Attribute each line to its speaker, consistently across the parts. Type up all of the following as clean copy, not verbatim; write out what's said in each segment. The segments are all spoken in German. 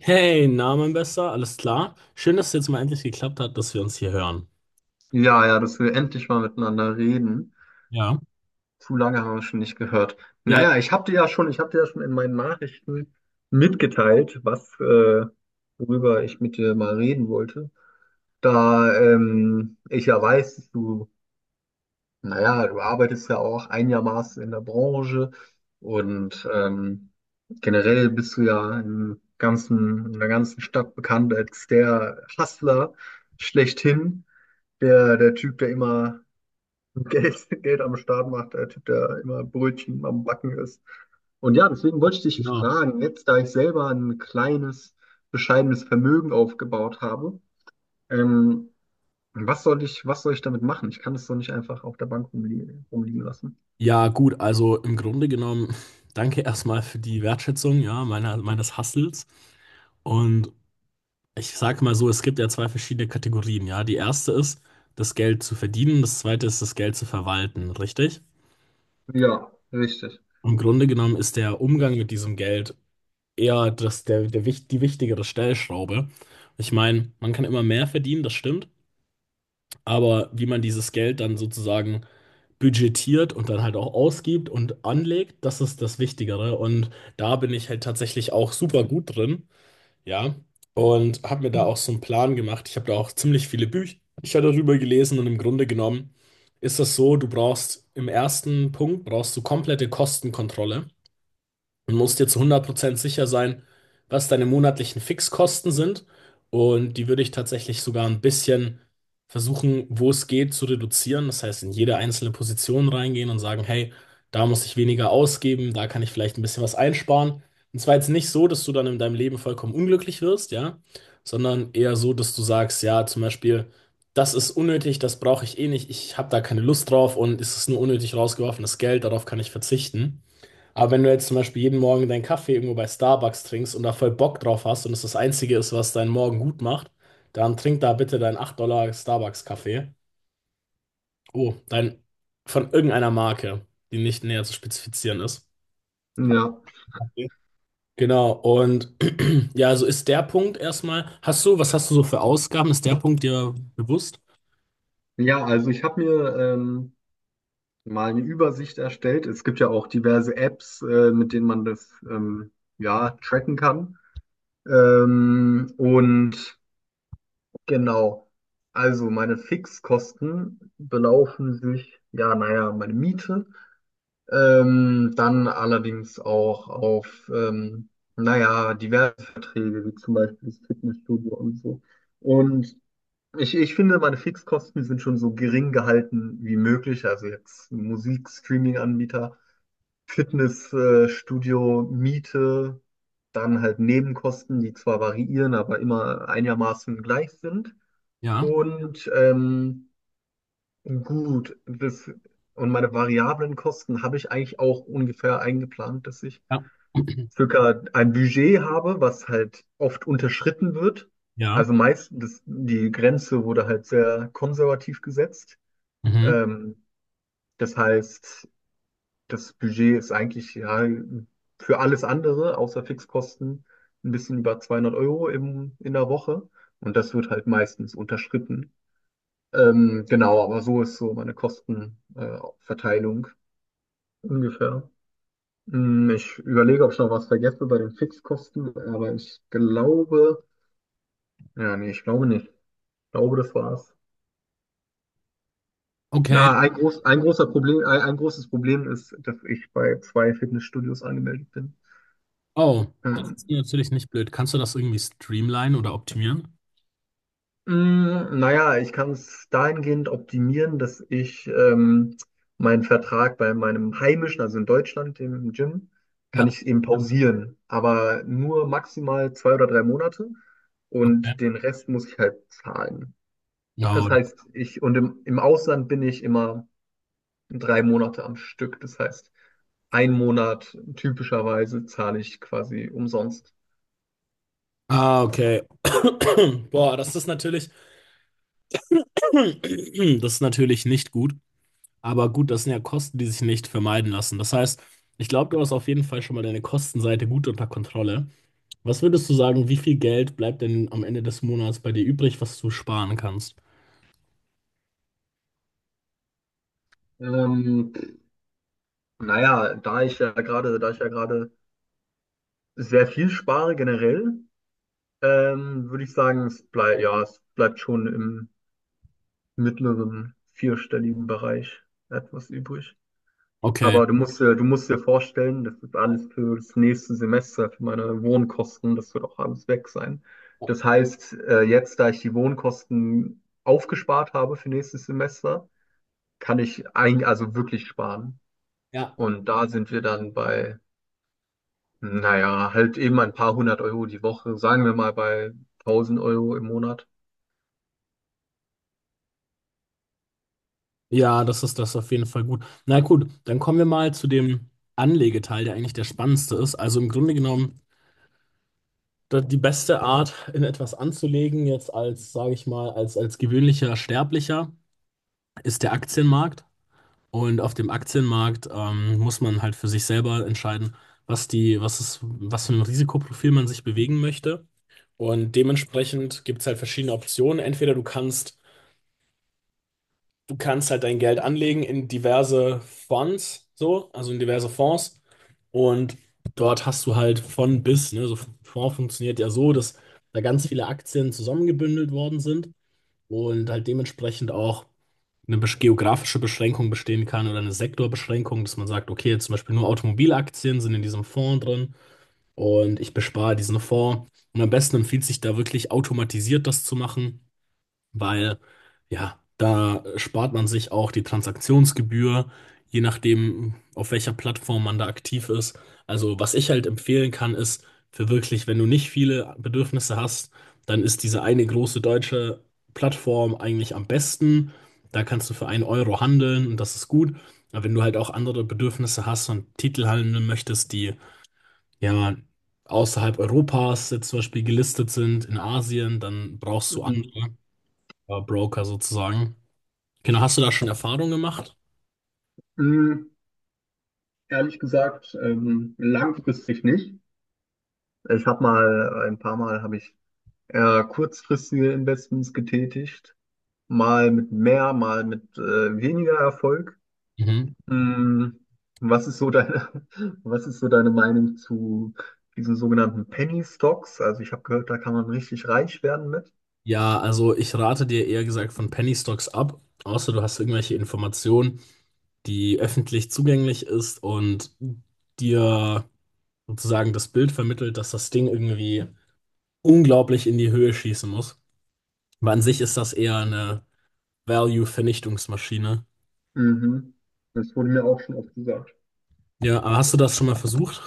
Speaker 1: Hey, na, mein Bester, alles klar? Schön, dass es jetzt mal endlich geklappt hat, dass wir uns hier hören.
Speaker 2: Ja, ja, dass wir endlich mal miteinander reden.
Speaker 1: Ja.
Speaker 2: Zu lange haben wir schon nicht gehört.
Speaker 1: Ja,
Speaker 2: Naja, ich habe dir ja schon, ich habe dir ja schon in meinen Nachrichten mitgeteilt, worüber ich mit dir mal reden wollte. Da ich ja weiß, dass du, naja, du arbeitest ja auch einigermaßen in der Branche und generell bist du ja im in der ganzen Stadt bekannt als der Hustler schlechthin, der Typ, der immer Geld, Geld am Start macht, der Typ, der immer Brötchen am Backen ist. Und ja, deswegen wollte ich dich
Speaker 1: genau.
Speaker 2: fragen, jetzt da ich selber ein kleines, bescheidenes Vermögen aufgebaut habe, ähm, was soll ich damit machen? Ich kann es so nicht einfach auf der Bank rumliegen, rumliegen lassen.
Speaker 1: Ja, gut, also im Grunde genommen, danke erstmal für die Wertschätzung, ja, meines Hustles. Und ich sage mal so, es gibt ja zwei verschiedene Kategorien, ja. Die erste ist, das Geld zu verdienen, das zweite ist, das Geld zu verwalten, richtig?
Speaker 2: Ja, richtig.
Speaker 1: Im Grunde genommen ist der Umgang mit diesem Geld eher das, die wichtigere Stellschraube. Ich meine, man kann immer mehr verdienen, das stimmt. Aber wie man dieses Geld dann sozusagen budgetiert und dann halt auch ausgibt und anlegt, das ist das Wichtigere. Und da bin ich halt tatsächlich auch super gut drin, ja. Und habe mir da auch so einen Plan gemacht. Ich habe da auch ziemlich viele Bücher darüber gelesen und im Grunde genommen ist das so, du brauchst im ersten Punkt brauchst du komplette Kostenkontrolle und musst dir zu 100% sicher sein, was deine monatlichen Fixkosten sind. Und die würde ich tatsächlich sogar ein bisschen versuchen, wo es geht, zu reduzieren. Das heißt, in jede einzelne Position reingehen und sagen, hey, da muss ich weniger ausgeben, da kann ich vielleicht ein bisschen was einsparen. Und zwar jetzt nicht so, dass du dann in deinem Leben vollkommen unglücklich wirst, ja, sondern eher so, dass du sagst, ja, zum Beispiel, das ist unnötig, das brauche ich eh nicht, ich habe da keine Lust drauf und es ist nur unnötig rausgeworfenes Geld, darauf kann ich verzichten. Aber wenn du jetzt zum Beispiel jeden Morgen deinen Kaffee irgendwo bei Starbucks trinkst und da voll Bock drauf hast und es das Einzige ist, was deinen Morgen gut macht, dann trink da bitte deinen 8 Dollar Starbucks-Kaffee. Oh, dein von irgendeiner Marke, die nicht näher zu spezifizieren ist.
Speaker 2: Ja,
Speaker 1: Okay. Genau, und ja, also ist der Punkt erstmal. Hast du, was hast du so für Ausgaben? Ist der Punkt dir bewusst?
Speaker 2: ja, also ich habe mir mal eine Übersicht erstellt. Es gibt ja auch diverse Apps, mit denen man das ja tracken kann. Ähm, und Genau. Also meine Fixkosten belaufen sich, ja, naja, meine Miete, dann allerdings auch auf, naja, diverse Verträge, wie zum Beispiel das Fitnessstudio und so. Und ich finde, meine Fixkosten sind schon so gering gehalten wie möglich. Also jetzt Musik, Streaming-Anbieter, Fitnessstudio, Studio, Miete, dann halt Nebenkosten, die zwar variieren, aber immer einigermaßen gleich sind.
Speaker 1: Ja.
Speaker 2: Und ähm, gut, das, und meine variablen Kosten habe ich eigentlich auch ungefähr eingeplant, dass ich
Speaker 1: Ja.
Speaker 2: circa ein Budget habe, was halt oft unterschritten wird.
Speaker 1: Ja.
Speaker 2: Also meistens, die Grenze wurde halt sehr konservativ gesetzt.
Speaker 1: Mhm.
Speaker 2: Ähm, das heißt, das Budget ist eigentlich ja für alles andere, außer Fixkosten, ein bisschen über 200 € in der Woche. Und das wird halt meistens unterschritten. Genau, aber so ist so meine Kostenverteilung ungefähr. Hm, ich überlege, ob ich noch was vergesse bei den Fixkosten, aber ich glaube, ja, nee, ich glaube nicht. Ich glaube, das war's.
Speaker 1: Okay.
Speaker 2: Na, ein großer Problem, ein großes Problem ist, dass ich bei zwei Fitnessstudios angemeldet bin.
Speaker 1: Oh, das ist
Speaker 2: Ähm,
Speaker 1: natürlich nicht blöd. Kannst du das irgendwie streamlinen oder optimieren?
Speaker 2: Naja, ich kann es dahingehend optimieren, dass ich meinen Vertrag bei meinem heimischen, also in Deutschland, dem Gym,
Speaker 1: Ja,
Speaker 2: kann ich eben pausieren, aber nur maximal zwei oder drei Monate
Speaker 1: okay.
Speaker 2: und den Rest muss ich halt zahlen.
Speaker 1: Ja,
Speaker 2: Das heißt, ich und im Ausland bin ich immer drei Monate am Stück. Das heißt, ein Monat typischerweise zahle ich quasi umsonst.
Speaker 1: Ah, okay. Boah, das ist natürlich, das ist natürlich nicht gut. Aber gut, das sind ja Kosten, die sich nicht vermeiden lassen. Das heißt, ich glaube, du hast auf jeden Fall schon mal deine Kostenseite gut unter Kontrolle. Was würdest du sagen, wie viel Geld bleibt denn am Ende des Monats bei dir übrig, was du sparen kannst?
Speaker 2: Ähm, da ich ja gerade sehr viel spare generell, würde ich sagen, es bleibt, ja, es bleibt schon im mittleren vierstelligen Bereich etwas übrig.
Speaker 1: Okay.
Speaker 2: Aber du musst dir vorstellen, das ist alles für das nächste Semester, für meine Wohnkosten, das wird auch alles weg sein. Das heißt, jetzt, da ich die Wohnkosten aufgespart habe für nächstes Semester, kann ich ein, also wirklich sparen.
Speaker 1: Ja.
Speaker 2: Und da sind wir dann bei, naja, halt eben ein paar hundert Euro die Woche, sagen wir mal bei tausend Euro im Monat.
Speaker 1: Ja, das ist das auf jeden Fall gut. Na gut, dann kommen wir mal zu dem Anlegeteil, der eigentlich der spannendste ist. Also im Grunde genommen die beste Art, in etwas anzulegen, jetzt als, sage ich mal, als gewöhnlicher Sterblicher, ist der Aktienmarkt. Und auf dem Aktienmarkt muss man halt für sich selber entscheiden, was die, was ist, was für ein Risikoprofil man sich bewegen möchte. Und dementsprechend gibt es halt verschiedene Optionen. Entweder du kannst halt dein Geld anlegen in diverse Fonds, so, also in diverse Fonds. Und dort hast du halt von bis, ne, so Fonds funktioniert ja so, dass da ganz viele Aktien zusammengebündelt worden sind und halt dementsprechend auch eine geografische Beschränkung bestehen kann oder eine Sektorbeschränkung, dass man sagt, okay, jetzt zum Beispiel nur Automobilaktien sind in diesem Fonds drin und ich bespare diesen Fonds. Und am besten empfiehlt sich da wirklich automatisiert das zu machen weil ja, da spart man sich auch die Transaktionsgebühr, je nachdem, auf welcher Plattform man da aktiv ist. Also, was ich halt empfehlen kann, ist für wirklich, wenn du nicht viele Bedürfnisse hast, dann ist diese eine große deutsche Plattform eigentlich am besten. Da kannst du für einen Euro handeln und das ist gut. Aber wenn du halt auch andere Bedürfnisse hast und Titel handeln möchtest, die ja außerhalb Europas jetzt zum Beispiel gelistet sind, in Asien, dann brauchst du
Speaker 2: Mhm.
Speaker 1: andere. Ja, Broker sozusagen. Genau, hast du da schon Erfahrung gemacht?
Speaker 2: Mhm. Ehrlich gesagt, langfristig nicht. Ich habe mal, ein paar Mal habe ich eher kurzfristige Investments getätigt, mal mit mehr, mal mit weniger Erfolg.
Speaker 1: Mhm.
Speaker 2: Hm, was ist so deine, was ist so deine Meinung zu diesen sogenannten Penny Stocks? Also ich habe gehört, da kann man richtig reich werden mit.
Speaker 1: Ja, also ich rate dir eher gesagt von Penny Stocks ab, außer du hast irgendwelche Informationen, die öffentlich zugänglich ist und dir sozusagen das Bild vermittelt, dass das Ding irgendwie unglaublich in die Höhe schießen muss. Aber an sich ist das eher eine Value-Vernichtungsmaschine.
Speaker 2: Mhm. Das wurde mir auch schon oft gesagt.
Speaker 1: Ja, aber hast du das schon mal versucht?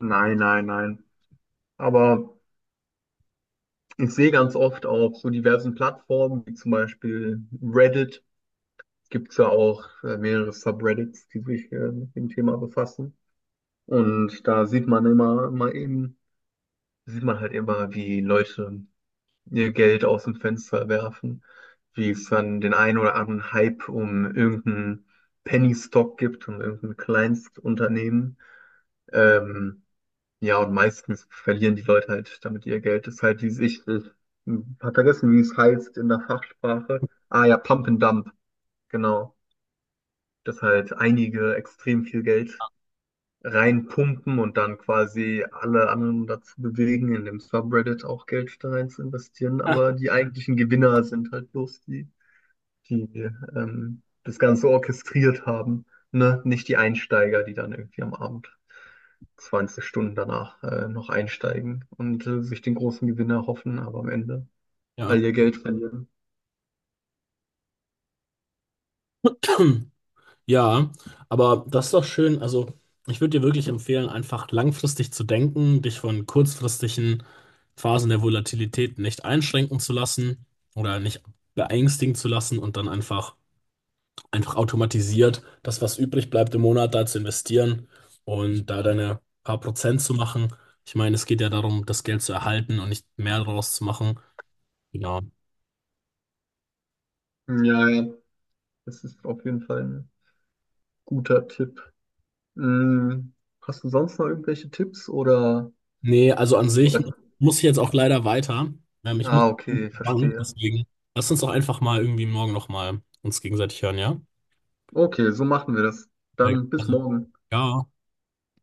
Speaker 2: Nein, nein, nein. Aber ich sehe ganz oft auf so diversen Plattformen, wie zum Beispiel Reddit, gibt es ja auch mehrere Subreddits, die sich mit dem Thema befassen. Und da sieht man halt immer, wie Leute ihr Geld aus dem Fenster werfen, wie es dann den einen oder anderen Hype um irgendeinen Penny Stock gibt, um irgendein Kleinstunternehmen. Ähm, Ja, und meistens verlieren die Leute halt damit ihr Geld. Das ist halt dieses, ich hab vergessen, wie es heißt in der Fachsprache. Ah ja, Pump and Dump, genau. Dass halt einige extrem viel Geld reinpumpen und dann quasi alle anderen dazu bewegen, in dem Subreddit auch Geld da rein zu investieren. Aber die eigentlichen Gewinner sind halt bloß die das Ganze orchestriert haben, ne? Nicht die Einsteiger, die dann irgendwie am Abend 20 Stunden danach noch einsteigen und sich den großen Gewinn erhoffen, aber am Ende all
Speaker 1: Ja.
Speaker 2: ihr Geld verlieren.
Speaker 1: Ja, aber das ist doch schön. Also, ich würde dir wirklich empfehlen, einfach langfristig zu denken, dich von kurzfristigen Phasen der Volatilität nicht einschränken zu lassen oder nicht beängstigen zu lassen und dann einfach, einfach automatisiert das, was übrig bleibt im Monat, da zu investieren und da deine paar Prozent zu machen. Ich meine, es geht ja darum, das Geld zu erhalten und nicht mehr daraus zu machen. Genau.
Speaker 2: Hm, ja, ja, das ist auf jeden Fall ein guter Tipp. Mm, hast du sonst noch irgendwelche Tipps oder,
Speaker 1: Nee, also an sich
Speaker 2: oder?
Speaker 1: muss ich jetzt auch leider weiter. Ich muss
Speaker 2: Ah,
Speaker 1: in die
Speaker 2: okay,
Speaker 1: Bank,
Speaker 2: verstehe.
Speaker 1: deswegen lass uns doch einfach mal irgendwie morgen nochmal uns gegenseitig hören, ja?
Speaker 2: Okay, so machen wir das. Dann bis
Speaker 1: Also,
Speaker 2: morgen.
Speaker 1: ja.